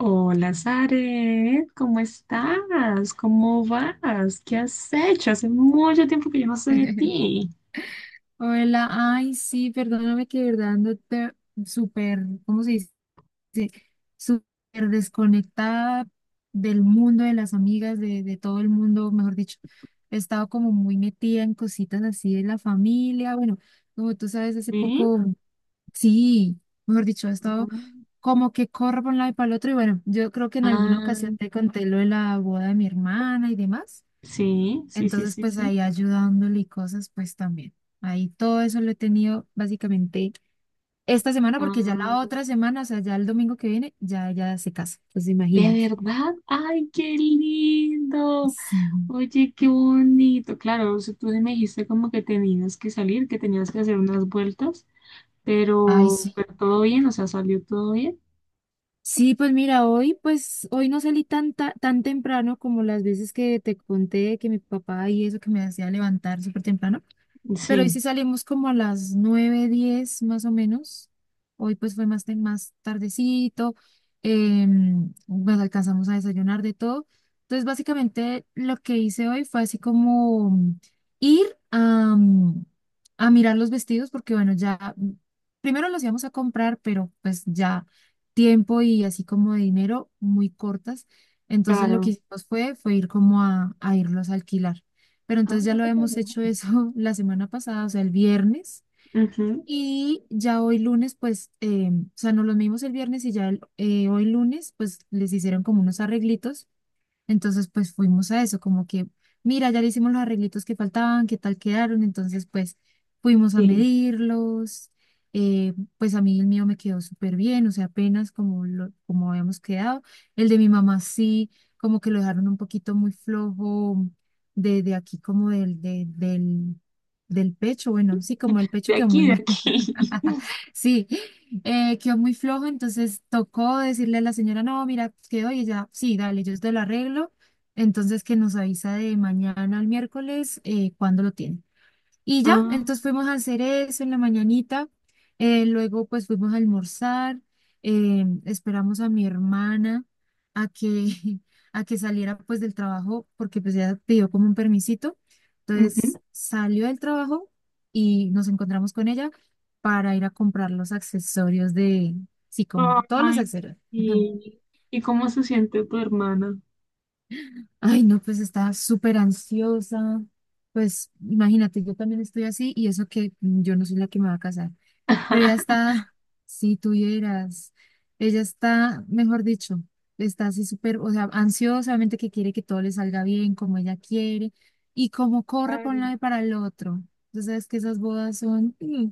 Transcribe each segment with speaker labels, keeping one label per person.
Speaker 1: Hola, Zaret, ¿cómo estás? ¿Cómo vas? ¿Qué has hecho? Hace mucho tiempo que yo no sé de ti.
Speaker 2: Hola, ay, sí, perdóname que de verdad ando súper, ¿cómo se dice? Súper desconectada del mundo, de las amigas, de todo el mundo, mejor dicho. He estado como muy metida en cositas así de la familia. Bueno, como tú sabes, hace
Speaker 1: ¿Sí?
Speaker 2: poco, sí, mejor dicho, he estado como que corro por un lado y para el otro. Y bueno, yo creo que en alguna
Speaker 1: Ah,
Speaker 2: ocasión te conté lo de la boda de mi hermana y demás.
Speaker 1: sí, sí, sí,
Speaker 2: Entonces,
Speaker 1: sí,
Speaker 2: pues
Speaker 1: sí.
Speaker 2: ahí ayudándole y cosas, pues también. Ahí todo eso lo he tenido básicamente esta semana, porque ya
Speaker 1: Ah,
Speaker 2: la otra semana, o sea, ya el domingo que viene, ya ella se casa. Pues imagínate.
Speaker 1: ¿de verdad? ¡Ay, qué lindo!
Speaker 2: Sí,
Speaker 1: Oye, qué bonito. Claro, o sea, tú me dijiste como que tenías que salir, que tenías que hacer unas vueltas,
Speaker 2: ay,
Speaker 1: pero,
Speaker 2: sí.
Speaker 1: pero todo bien, o sea, salió todo bien.
Speaker 2: Sí, pues mira, hoy, pues hoy no salí tan, tan temprano como las veces que te conté que mi papá y eso que me hacía levantar súper temprano. Pero hoy
Speaker 1: Sí,
Speaker 2: sí salimos como a las 9:10 más o menos. Hoy pues fue más tardecito. Bueno, alcanzamos a desayunar de todo. Entonces básicamente lo que hice hoy fue así como ir a, mm, a mirar los vestidos porque bueno, ya primero los íbamos a comprar, pero pues ya tiempo y así como de dinero muy cortas. Entonces lo que
Speaker 1: claro.
Speaker 2: hicimos fue ir como a irlos a alquilar. Pero
Speaker 1: Ah,
Speaker 2: entonces ya
Speaker 1: no,
Speaker 2: lo hemos
Speaker 1: pero...
Speaker 2: hecho eso la semana pasada, o sea, el viernes.
Speaker 1: Ujú,
Speaker 2: Y ya hoy lunes, pues, o sea, nos los medimos el viernes y ya hoy lunes, pues les hicieron como unos arreglitos entonces, pues fuimos a eso, como que, mira, ya le hicimos los arreglitos que faltaban, qué tal quedaron. Entonces, pues fuimos a
Speaker 1: sí.
Speaker 2: medirlos. Pues a mí el mío me quedó súper bien, o sea, apenas como, lo, como habíamos quedado. El de mi mamá sí, como que lo dejaron un poquito muy flojo de aquí, como del pecho. Bueno, sí, como el
Speaker 1: De
Speaker 2: pecho quedó muy
Speaker 1: aquí, de
Speaker 2: mal.
Speaker 1: aquí.
Speaker 2: Sí, quedó muy flojo, entonces tocó decirle a la señora, no, mira, quedó y ella, sí, dale, yo te lo arreglo. Entonces que nos avisa de mañana al miércoles cuándo lo tiene. Y ya,
Speaker 1: Ah,
Speaker 2: entonces fuimos a hacer eso en la mañanita, luego pues fuimos a almorzar, esperamos a mi hermana a que, a que saliera pues del trabajo, porque pues ella pidió como un permisito,
Speaker 1: ujú.
Speaker 2: entonces salió del trabajo y nos encontramos con ella para ir a comprar los accesorios de, sí, como todos los
Speaker 1: Ay,
Speaker 2: accesorios.
Speaker 1: sí. ¿Y cómo se siente tu hermana?
Speaker 2: Ay, no, pues estaba súper ansiosa, pues imagínate, yo también estoy así y eso que yo no soy la que me va a casar. Pero ella está, si tuvieras, ella está, mejor dicho, está así súper, o sea, ansiosamente que quiere que todo le salga bien, como ella quiere, y como corre por un
Speaker 1: Claro.
Speaker 2: lado y para el otro. Entonces, sabes que esas bodas son... mm.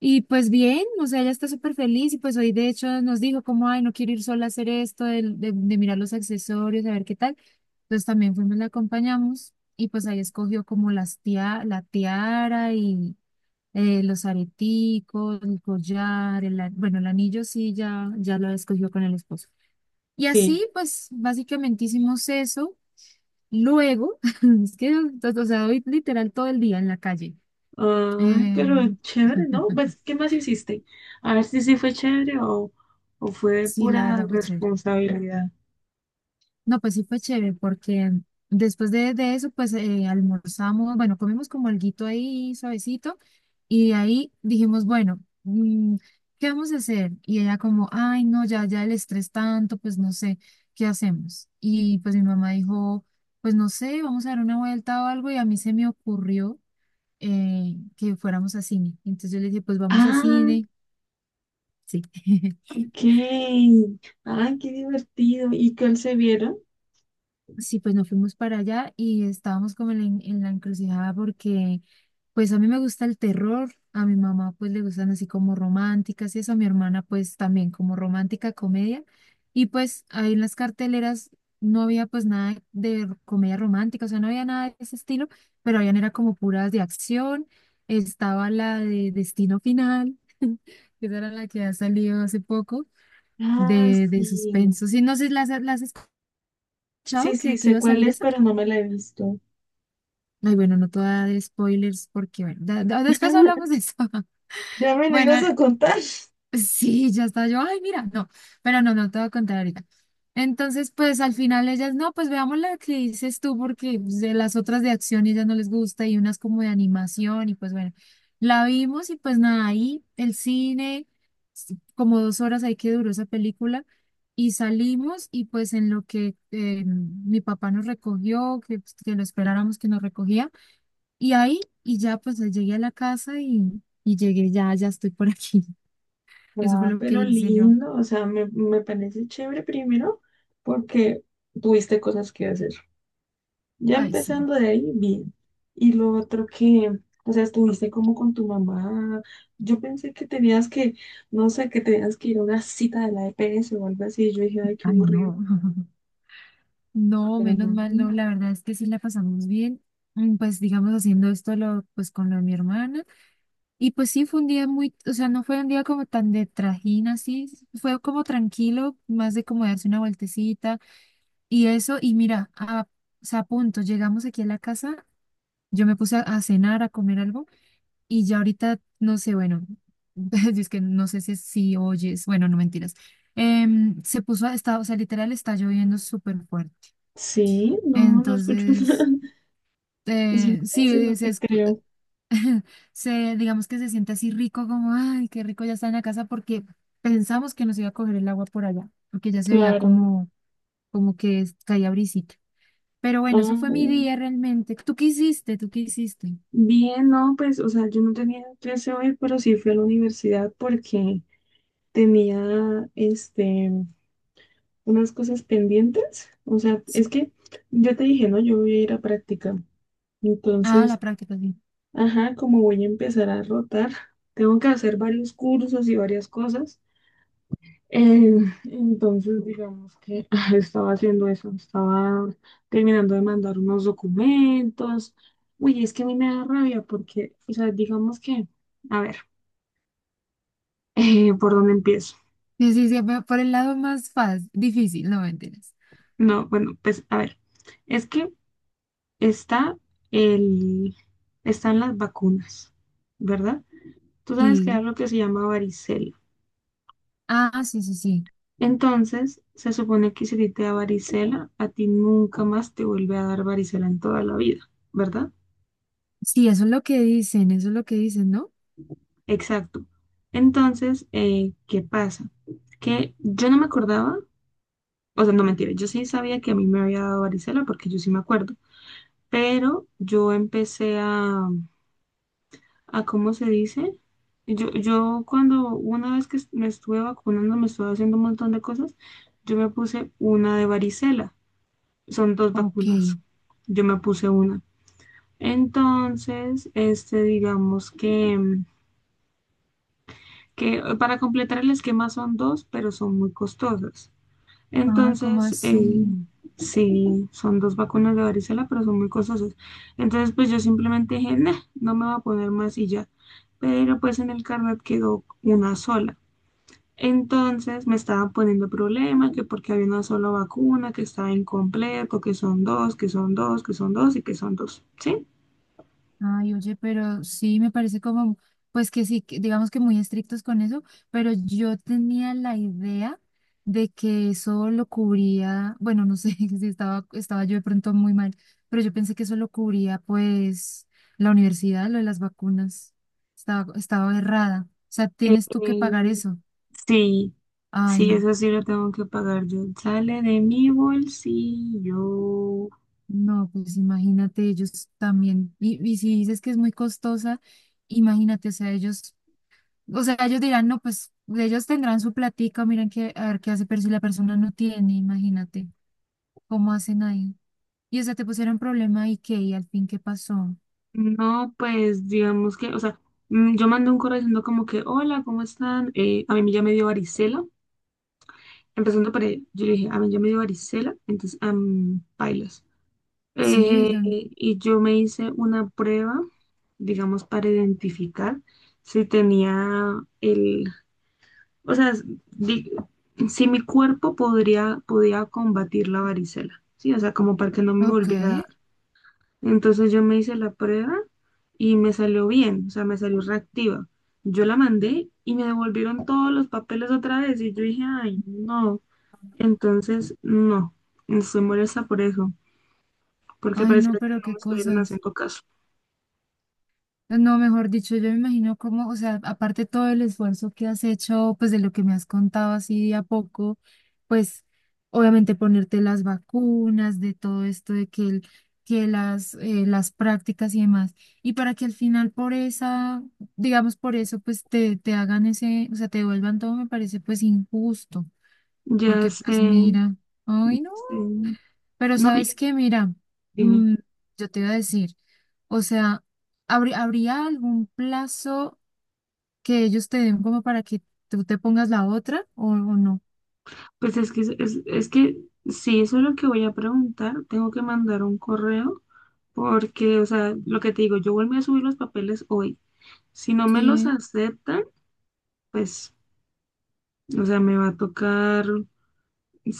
Speaker 2: Y pues bien, o sea, ella está súper feliz y pues hoy de hecho nos dijo como, ay, no quiero ir sola a hacer esto, de mirar los accesorios, a ver qué tal. Entonces también fuimos, la acompañamos y pues ahí escogió como la tiara y los areticos, el collar, bueno, el anillo sí ya, ya lo escogió con el esposo. Y
Speaker 1: Sí.
Speaker 2: así, pues, básicamente hicimos eso. Luego, es que, o sea, hoy literal todo el día en la calle.
Speaker 1: Ay, pero
Speaker 2: Eh,
Speaker 1: chévere, ¿no? Pues, ¿qué más hiciste? A ver si sí fue chévere o fue
Speaker 2: sí, la
Speaker 1: pura
Speaker 2: verdad fue chévere.
Speaker 1: responsabilidad.
Speaker 2: No, pues sí fue chévere porque después de eso, pues almorzamos, bueno, comimos como alguito ahí suavecito y de ahí dijimos, bueno, mm, ¿qué vamos a hacer? Y ella como, ay, no, ya, ya el estrés tanto, pues no sé, ¿qué hacemos? Y pues mi mamá dijo, pues no sé, vamos a dar una vuelta o algo y a mí se me ocurrió que fuéramos a cine. Entonces yo le dije, pues vamos a
Speaker 1: Ah,
Speaker 2: cine, sí.
Speaker 1: ok. Ay, qué divertido. ¿Y cuál se vieron?
Speaker 2: Sí, pues nos fuimos para allá y estábamos como en la encrucijada porque pues a mí me gusta el terror, a mi mamá pues le gustan así como románticas y eso, a mi hermana pues también como romántica comedia y pues ahí en las carteleras no había pues nada de comedia romántica, o sea, no había nada de ese estilo, pero habían era como puras de acción, estaba la de Destino Final, que esa era la que ha salido hace poco,
Speaker 1: Ah,
Speaker 2: de
Speaker 1: sí.
Speaker 2: suspenso. Sí, no sé, ¿las has
Speaker 1: Sí,
Speaker 2: escuchado que,
Speaker 1: sí,
Speaker 2: que
Speaker 1: sé
Speaker 2: iba a salir
Speaker 1: cuál es,
Speaker 2: esa?
Speaker 1: pero no me la he visto.
Speaker 2: Ay, bueno, no te voy a dar spoilers porque, bueno, después hablamos de eso.
Speaker 1: Ya me la
Speaker 2: Bueno,
Speaker 1: ibas a contar.
Speaker 2: sí, ya está yo, ay, mira, no, pero no, no te voy a contar ahorita. Entonces, pues al final ellas, no, pues veamos la que dices tú porque pues, de las otras de acción ellas no les gusta y unas como de animación y pues bueno, la vimos y pues nada, ahí el cine, como 2 horas ahí que duró esa película y salimos y pues en lo que mi papá nos recogió, que, pues, que lo esperáramos que nos recogía. Y ahí, y ya pues llegué a la casa y llegué ya, ya estoy por aquí. Eso fue
Speaker 1: Ah,
Speaker 2: lo que
Speaker 1: pero
Speaker 2: hice yo.
Speaker 1: lindo. O sea, me parece chévere primero porque tuviste cosas que hacer. Ya
Speaker 2: Ay, sí.
Speaker 1: empezando de ahí, bien. Y lo otro que, o sea, estuviste como con tu mamá. Yo pensé que tenías que, no sé, que tenías que ir a una cita de la EPS o algo así. Yo dije, ay, qué
Speaker 2: Ay,
Speaker 1: aburrido.
Speaker 2: no. No,
Speaker 1: Pero
Speaker 2: menos
Speaker 1: no.
Speaker 2: mal, no. La verdad es que sí la pasamos bien. Mm, pues digamos haciendo esto lo, pues con lo de mi hermana. Y pues sí fue un día muy, o sea, no fue un día como tan de trajín así. Fue como tranquilo, más de como darse una vueltecita y eso. Y mira, o sea, a punto, llegamos aquí a la casa. Yo me puse a cenar, a comer algo. Y ya ahorita, no sé, bueno, es que no sé si, si oyes, bueno, no mentiras. Em, se puso, está, o sea, literal está lloviendo súper fuerte.
Speaker 1: Sí, no, no escucho nada.
Speaker 2: Entonces,
Speaker 1: Si no me dices, no
Speaker 2: sí,
Speaker 1: te creo.
Speaker 2: digamos que se siente así rico, como, ay, qué rico ya está en la casa, porque pensamos que nos iba a coger el agua por allá, porque ya se veía
Speaker 1: Claro.
Speaker 2: como, como que caía brisita. Pero bueno, eso
Speaker 1: Ah,
Speaker 2: fue mi día realmente. ¿Tú qué hiciste? ¿Tú qué hiciste?
Speaker 1: bien, no, pues, o sea, yo no tenía clase hoy, pero sí fui a la universidad porque tenía, este, unas cosas pendientes. O sea, es
Speaker 2: Sí.
Speaker 1: que yo te dije, no, yo voy a ir a práctica.
Speaker 2: Ah, la
Speaker 1: Entonces,
Speaker 2: práctica, sí.
Speaker 1: ajá, como voy a empezar a rotar, tengo que hacer varios cursos y varias cosas. Eh, entonces, digamos que estaba haciendo eso, estaba terminando de mandar unos documentos. Uy, es que a mí me da rabia porque, o sea, digamos que, a ver, ¿por dónde empiezo?
Speaker 2: Sí, sí, sí, pero por el lado más fácil, difícil, no mentiras.
Speaker 1: No, bueno, pues a ver, es que está el, están las vacunas, ¿verdad? Tú sabes que hay
Speaker 2: Sí.
Speaker 1: algo que se llama varicela.
Speaker 2: Ah, sí, sí, sí.
Speaker 1: Entonces, se supone que si a ti te da varicela, a ti nunca más te vuelve a dar varicela en toda la vida, ¿verdad?
Speaker 2: Sí, eso es lo que dicen, eso es lo que dicen, ¿no?
Speaker 1: Exacto. Entonces, ¿qué pasa? Que yo no me acordaba, o sea, no mentira, yo sí sabía que a mí me había dado varicela porque yo sí me acuerdo, pero yo empecé a cómo se dice. Yo cuando una vez que me estuve vacunando, me estuve haciendo un montón de cosas, yo me puse una de varicela. Son dos
Speaker 2: Ok.
Speaker 1: vacunas. Yo me puse una. Entonces, este, digamos que, que para completar el esquema son dos, pero son muy costosas.
Speaker 2: Ay, ¿cómo
Speaker 1: Entonces,
Speaker 2: así?
Speaker 1: sí, son dos vacunas de varicela, pero son muy costosas. Entonces, pues yo simplemente dije, "Nah, no me voy a poner más y ya. Pero pues en el carnet quedó una sola. Entonces me estaban poniendo problema, que porque había una sola vacuna, que estaba incompleto, que son dos, que son dos, que son dos y que son dos, ¿sí?
Speaker 2: Ay, oye, pero sí me parece como, pues que sí, que digamos que muy estrictos con eso, pero yo tenía la idea de que eso lo cubría, bueno, no sé si estaba yo de pronto muy mal, pero yo pensé que eso lo cubría pues la universidad, lo de las vacunas. Estaba errada. O sea, tienes tú que pagar
Speaker 1: Eh,
Speaker 2: eso.
Speaker 1: sí,
Speaker 2: Ay,
Speaker 1: sí,
Speaker 2: no.
Speaker 1: eso sí lo tengo que pagar yo. Sale de mi bolsillo.
Speaker 2: No, pues imagínate, ellos también. Y si dices que es muy costosa, imagínate, o sea, ellos. O sea, ellos dirán, no, pues ellos tendrán su platica, miren qué, a ver qué hace, pero si la persona no tiene, imagínate, ¿cómo hacen ahí? Y o sea, te pusieron problema y qué, y al fin qué pasó.
Speaker 1: No, pues digamos que, o sea, yo mandé un correo diciendo como que, hola, ¿cómo están? A mí ya me dio varicela. Empezando por ahí, yo le dije, a mí ya me dio varicela, entonces, am, pailas.
Speaker 2: Sí, don
Speaker 1: Y yo me hice una prueba, digamos, para identificar si tenía el, o sea, di- si mi cuerpo podría, podía combatir la varicela, ¿sí? O sea, como para que no me
Speaker 2: ok.
Speaker 1: volviera entonces yo me hice la prueba y me salió bien, o sea, me salió reactiva. Yo la mandé y me devolvieron todos los papeles otra vez y yo dije, ay, no. Entonces, no, estoy molesta por eso, porque
Speaker 2: Ay, no,
Speaker 1: parecía que
Speaker 2: pero
Speaker 1: no me
Speaker 2: qué
Speaker 1: estuvieron
Speaker 2: cosas.
Speaker 1: haciendo caso.
Speaker 2: No, mejor dicho, yo me imagino cómo, o sea, aparte todo el esfuerzo que has hecho, pues de lo que me has contado así de a poco, pues obviamente ponerte las vacunas, de todo esto, de que, que las prácticas y demás, y para que al final por esa, digamos por eso, pues te hagan ese, o sea, te devuelvan todo, me parece pues injusto,
Speaker 1: Ya
Speaker 2: porque pues
Speaker 1: sé,
Speaker 2: mira, ay no.
Speaker 1: este,
Speaker 2: Pero
Speaker 1: no, y
Speaker 2: sabes
Speaker 1: es-
Speaker 2: qué, mira,
Speaker 1: dime,
Speaker 2: mm, yo te iba a decir, o sea, ¿habría algún plazo que ellos te den como para que tú te pongas la otra o no?
Speaker 1: pues es que, es que sí, eso es lo que voy a preguntar, tengo que mandar un correo, porque, o sea, lo que te digo, yo volví a subir los papeles hoy. Si no me los
Speaker 2: Sí,
Speaker 1: aceptan, pues, o sea, me va a tocar,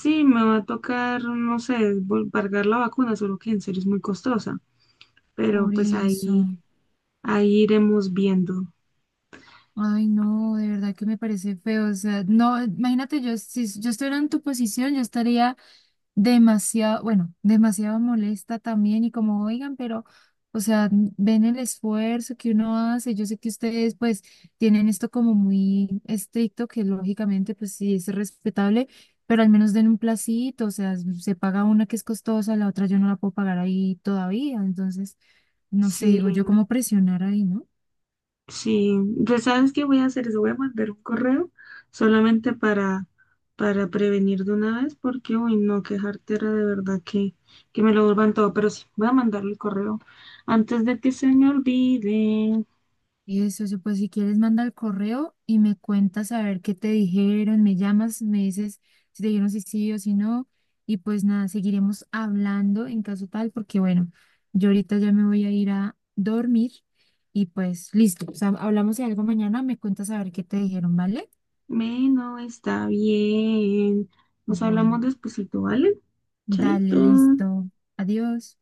Speaker 1: sí, me va a tocar, no sé, pagar la vacuna, solo que en serio es muy costosa, pero
Speaker 2: por
Speaker 1: pues
Speaker 2: eso.
Speaker 1: ahí, ahí iremos viendo.
Speaker 2: Ay, no, de verdad que me parece feo. O sea, no, imagínate, yo si yo estuviera en tu posición, yo estaría demasiado, bueno, demasiado molesta también y como, oigan, pero, o sea, ven el esfuerzo que uno hace. Yo sé que ustedes pues tienen esto como muy estricto, que lógicamente pues sí es respetable, pero al menos den un placito, o sea, se paga una que es costosa, la otra yo no la puedo pagar ahí todavía. Entonces, no sé,
Speaker 1: Sí,
Speaker 2: digo yo, cómo presionar ahí, ¿no?
Speaker 1: sí, pues sabes qué voy a hacer, eso voy a mandar un correo solamente para prevenir de una vez, porque, uy, no, qué jartera de verdad que me lo vuelvan todo, pero sí, voy a mandarle el correo antes de que se me olvide.
Speaker 2: Eso, pues si quieres manda el correo y me cuentas a ver qué te dijeron, me llamas, me dices si te dijeron si sí o si no y pues nada, seguiremos hablando en caso tal porque bueno, yo ahorita ya me voy a ir a dormir y pues listo, o sea, hablamos de algo mañana, me cuentas a ver qué te dijeron, ¿vale?
Speaker 1: Bueno, está bien. Nos
Speaker 2: Bueno,
Speaker 1: hablamos despuesito, ¿vale?
Speaker 2: dale,
Speaker 1: Chaito.
Speaker 2: listo, adiós.